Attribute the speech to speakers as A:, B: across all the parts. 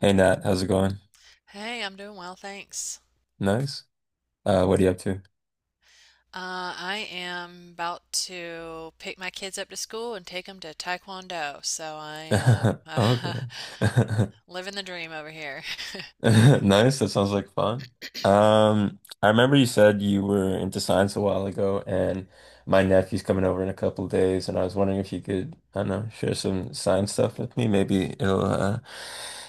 A: Hey Nat, how's it going?
B: Hey, I'm doing well, thanks.
A: Nice. What are you up to?
B: I am about to pick my kids up to school and take them to Taekwondo, so I am
A: Okay.
B: living the dream over here.
A: Nice. That sounds like fun. I remember you said you were into science a while ago, and my nephew's coming over in a couple of days, and I was wondering if you could, I don't know, share some science stuff with me. Maybe it'll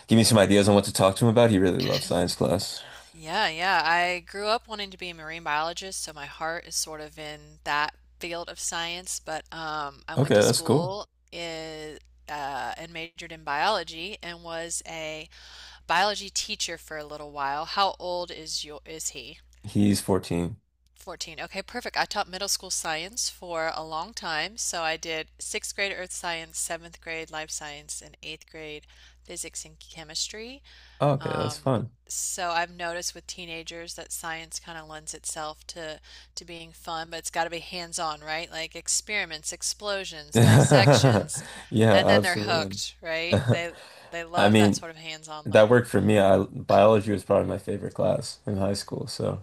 A: give me some ideas on what to talk to him about. He really loves science class.
B: Yeah, yeah, I grew up wanting to be a marine biologist, so my heart is sort of in that field of science, but I went
A: Okay,
B: to
A: that's cool.
B: school in, and majored in biology and was a biology teacher for a little while. How old is your is he?
A: He's 14.
B: 14. Okay, perfect. I taught middle school science for a long time. So I did sixth grade earth science, seventh grade life science, and eighth grade physics and chemistry.
A: Oh, okay, that's
B: Um,
A: fun.
B: so I've noticed with teenagers that science kind of lends itself to being fun, but it's got to be hands-on, right? Like experiments, explosions, dissections,
A: Yeah,
B: and then they're
A: absolutely.
B: hooked, right? They they
A: I
B: love that
A: mean,
B: sort of hands-on
A: that
B: learning.
A: worked for me. I biology was probably my favorite class in high school, so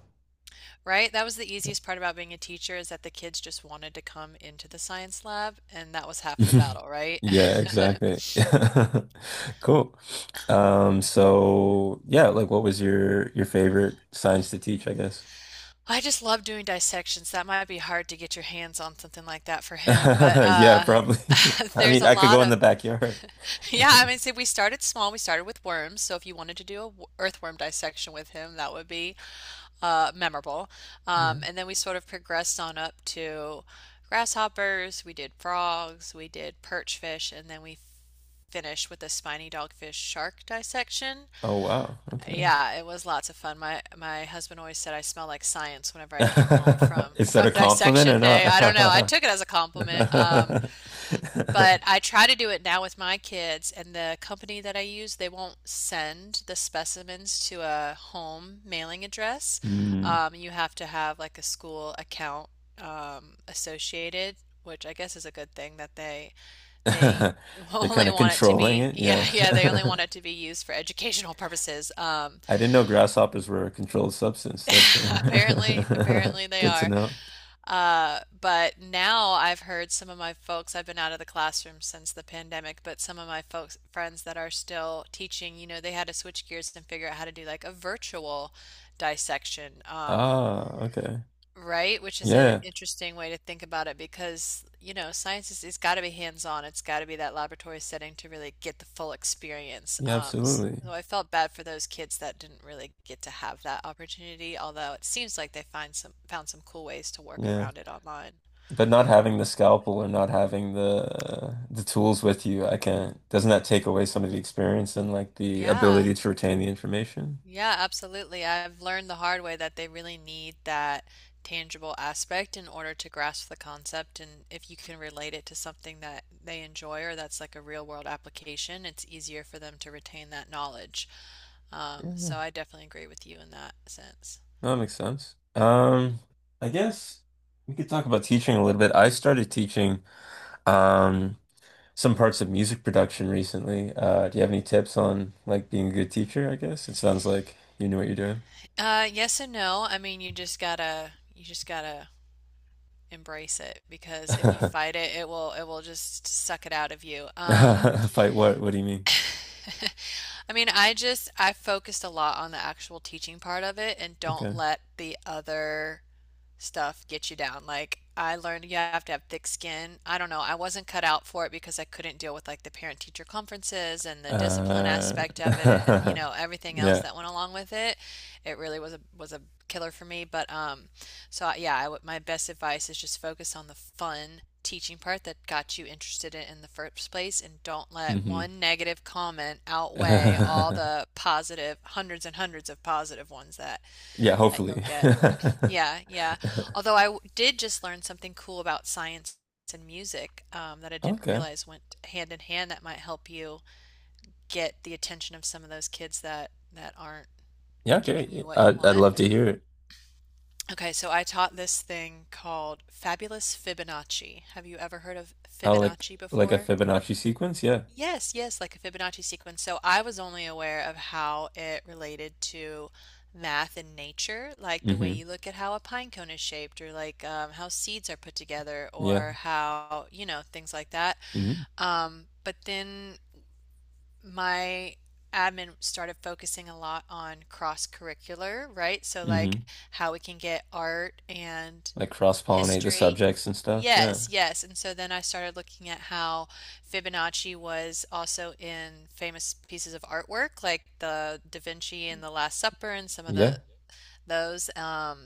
B: Right? That was the easiest part about being a teacher is that the kids just wanted to come into the science lab, and that was half the battle, right?
A: yeah, exactly. Cool. So yeah, like what was your favorite science to teach, I guess?
B: I just love doing dissections. That might be hard to get your hands on something like that for him, but
A: Yeah, probably. I
B: there's
A: mean,
B: a
A: I could
B: lot
A: go in
B: of
A: the backyard.
B: yeah, I mean, see, we started small. We started with worms, so if you wanted to do a earthworm dissection with him, that would be memorable.
A: Yeah.
B: Um, and then we sort of progressed on up to grasshoppers, we did frogs, we did perch fish, and then we finish with the spiny dogfish shark dissection.
A: Oh wow. Okay.
B: Yeah, it was lots of fun. My husband always said I smell like science whenever I came home from
A: Is that a
B: from
A: compliment
B: dissection
A: or
B: day. I don't know. I
A: not?
B: took it as a compliment. But I try to do it now with my kids and the company that I use, they won't send the specimens to a home mailing address.
A: Mm.
B: You have to have like a school account associated, which I guess is a good thing that they they
A: They're kind
B: only
A: of
B: want it to
A: controlling
B: be,
A: it.
B: yeah, yeah, they only want
A: Yeah.
B: it to be used for educational purposes.
A: I didn't know grasshoppers were a controlled substance. That's uh,
B: Apparently they
A: good to
B: are.
A: know.
B: But now I've heard some of my folks, I've been out of the classroom since the pandemic, but some of my folks, friends that are still teaching, you know, they had to switch gears and figure out how to do like a virtual dissection.
A: Ah, okay.
B: Right, which is an
A: Yeah,
B: interesting way to think about it because, you know, science is it's got to be hands-on. It's got to be that laboratory setting to really get the full experience.
A: yeah, absolutely.
B: So I felt bad for those kids that didn't really get to have that opportunity, although it seems like they find some found some cool ways to work
A: Yeah.
B: around it online.
A: But not having the scalpel or not having the the tools with you, I can't. Doesn't that take away some of the experience and like the
B: Yeah.
A: ability to retain the information?
B: Yeah, absolutely. I've learned the hard way that they really need that tangible aspect in order to grasp the concept. And if you can relate it to something that they enjoy or that's like a real world application, it's easier for them to retain that knowledge.
A: Yeah,
B: So I definitely agree with you in that sense.
A: that makes sense. I guess we could talk about teaching a little bit. I started teaching. Um, some parts of music production recently. Do you have any tips on like being a good teacher, I guess? It sounds like you knew what you're doing.
B: Yes and no. I mean, you just gotta embrace it because if you fight it, it will just suck it out of you.
A: Fight what? What do you mean?
B: I mean, I just I focused a lot on the actual teaching part of it and don't
A: Okay.
B: let the other stuff get you down. Like I learned you have to have thick skin. I don't know. I wasn't cut out for it because I couldn't deal with like the parent teacher conferences and the discipline
A: Uh,
B: aspect of it and you know everything else
A: yeah.
B: that went along with it. It really was a killer for me, but So yeah, I w my best advice is just focus on the fun teaching part that got you interested in the first place and don't let
A: hmm
B: one negative comment outweigh all the positive hundreds and hundreds of positive ones that
A: Yeah,
B: you'll
A: hopefully.
B: get. Yeah, yeah. Although did just learn something cool about science and music that I didn't
A: Okay.
B: realize went hand in hand that might help you get the attention of some of those kids that aren't
A: Yeah,
B: giving
A: okay.
B: you what you
A: I'd
B: want.
A: love to hear it.
B: Okay, so I taught this thing called Fabulous Fibonacci. Have you ever heard of
A: I
B: Fibonacci
A: like a
B: before?
A: Fibonacci sequence, yeah.
B: Yes, yes, like a Fibonacci sequence. So I was only aware of how it related to math and nature, like the way
A: hmm
B: you look at how a pine cone is shaped, or like how seeds are put together,
A: Yeah.
B: or how, you know, things like that.
A: hmm
B: But then my admin started focusing a lot on cross curricular, right? So like
A: hmm
B: how we can get art and
A: Like cross-pollinate the
B: history.
A: subjects and stuff. Yeah.
B: Yes, yes. And so then I started looking at how Fibonacci was also in famous pieces of artwork like the Da Vinci and the Last Supper and some of the
A: Yeah.
B: those. Um,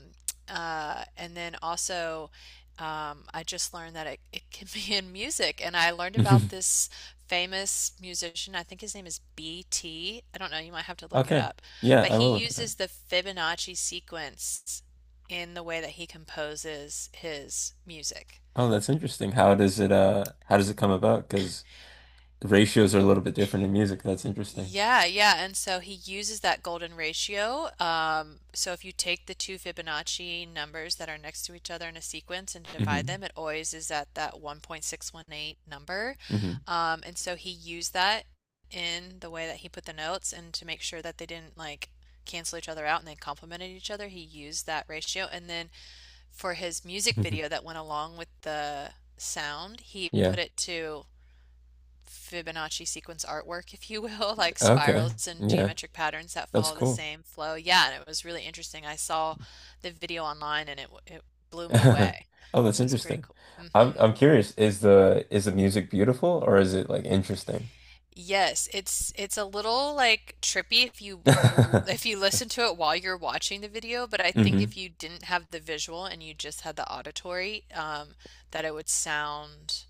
B: uh, And then also, I just learned that it can be in music. And I learned about this famous musician. I think his name is B T. I don't know. You might have to look it
A: Okay.
B: up.
A: Yeah,
B: But
A: I
B: he
A: will look it up.
B: uses the Fibonacci sequence in the way that he composes his music.
A: Oh, that's interesting. How does it how does it come about? Because ratios are a little bit different in music. That's interesting.
B: Yeah, yeah. And so he uses that golden ratio. So if you take the two Fibonacci numbers that are next to each other in a sequence and divide
A: Hmm
B: them, it always is at that 1.618 number.
A: hmm
B: And so he used that in the way that he put the notes and to make sure that they didn't like cancel each other out and they complemented each other, he used that ratio. And then for his music
A: hmm
B: video that went along with the sound, he
A: Yeah.
B: put it to Fibonacci sequence artwork, if you will, like
A: Okay.
B: spirals and
A: Yeah.
B: geometric patterns that
A: That's
B: follow the
A: cool.
B: same flow. Yeah, and it was really interesting. I saw the video online and it blew me away.
A: Oh, that's
B: It was pretty
A: interesting.
B: cool.
A: I'm
B: Hmm.
A: I'm curious, is the music beautiful or is it like interesting?
B: Yes, it's a little like trippy if you
A: hmm
B: if you listen to it while you're watching the video, but I think if you didn't have the visual and you just had the auditory, that it would sound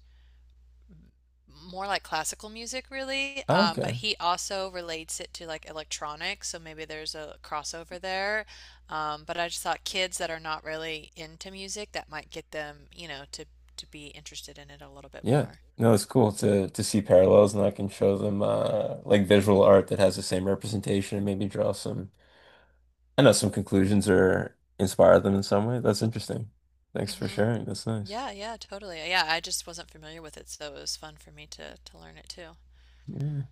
B: more like classical music really
A: Oh,
B: but
A: okay.
B: he also relates it to like electronics so maybe there's a crossover there but I just thought kids that are not really into music that might get them you know to be interested in it a little bit
A: Yeah.
B: more
A: No, it's cool to see parallels and I can show them like visual art that has the same representation and maybe draw some I know some conclusions are inspire them in some way. That's interesting. Thanks for
B: hmm
A: sharing. That's nice.
B: yeah yeah totally yeah I just wasn't familiar with it so it was fun for me to learn it too
A: Yeah.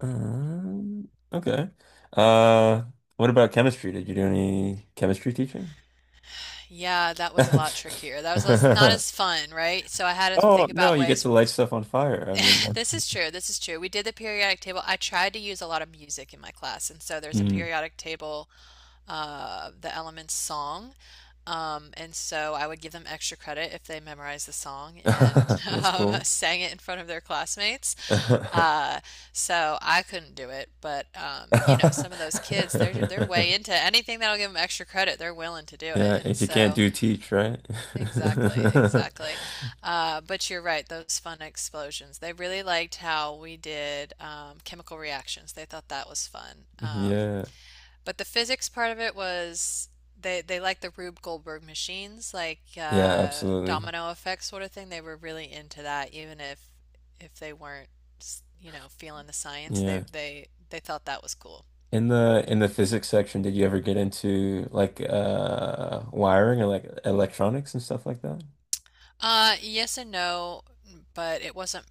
A: Okay. Uh, what about chemistry? Did you do any chemistry teaching?
B: yeah that was a lot trickier not as fun right so I had to
A: Oh,
B: think
A: no,
B: about
A: you get
B: ways
A: to light stuff on fire. I mean, that's
B: This is true. This is true. We did the periodic table. I tried to use a lot of music in my class, and so there's a
A: Mm.
B: periodic table the elements song. And so I would give them extra credit if they memorized the song and
A: That's cool.
B: sang it in front of their classmates. Uh, so I couldn't do it, but you know, some of those kids, they're they're way into anything that'll give them extra credit. They're willing to do it,
A: Yeah,
B: and
A: if you can't
B: so.
A: do teach, right?
B: Exactly, exactly. But you're right, those fun explosions. They really liked how we did chemical reactions. They thought that was fun.
A: Yeah.
B: But the physics part of it was they liked the Rube Goldberg machines, like
A: Yeah, absolutely.
B: domino effect sort of thing. They were really into that, even if they weren't, you know, feeling the science. They
A: Yeah.
B: they they thought that was cool.
A: In the physics section, did you ever get into like wiring or like electronics and stuff like that?
B: Yes and no, but it wasn't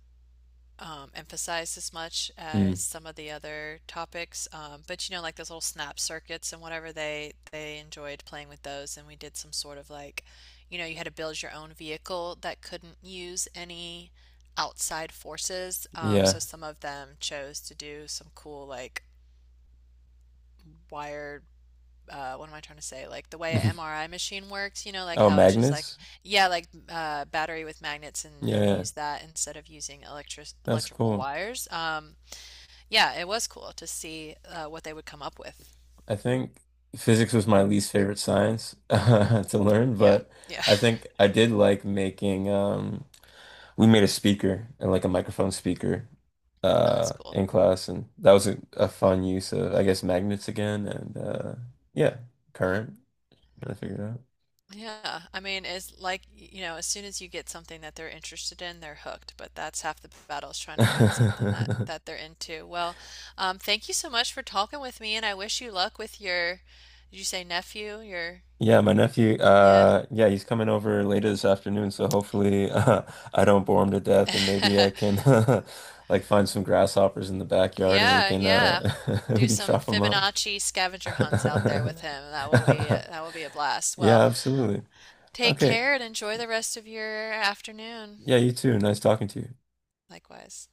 B: emphasized as much as
A: Mm,
B: some of the other topics. But you know, like those little snap circuits and whatever, they enjoyed playing with those, and we did some sort of like, you know, you had to build your own vehicle that couldn't use any outside forces.
A: yeah.
B: So some of them chose to do some cool like wired. What am I trying to say? Like the way an MRI machine works, you know, like
A: Oh,
B: how it's just like,
A: magnets?
B: yeah, like battery with magnets and
A: Yeah,
B: use that instead of using
A: that's
B: electrical
A: cool.
B: wires. Yeah, it was cool to see what they would come up with.
A: I think physics was my least favorite science to learn,
B: Yeah,
A: but
B: yeah.
A: I think I did like making we made a speaker and like a microphone speaker
B: Oh, that's cool.
A: in class and that was a fun use of I guess magnets again and yeah, current trying to figure it out.
B: Yeah, I mean, it's like, you know, as soon as you get something that they're interested in, they're hooked. But that's half the battle is trying to find something that they're into. Well, thank you so much for talking with me, and I wish you luck with your, did you say nephew? Your,
A: Yeah, my nephew,
B: yeah.
A: uh, yeah, he's coming over later this afternoon, so hopefully I don't bore him to death and maybe I can like find some grasshoppers in the backyard and we
B: Yeah,
A: can
B: yeah. Do
A: we can
B: some
A: chop them up.
B: Fibonacci scavenger hunts out there with him. That will be that will be a blast.
A: Yeah,
B: Well,
A: absolutely.
B: take
A: Okay.
B: care and enjoy the rest of your afternoon.
A: Yeah, you too. Nice talking to you.
B: Likewise.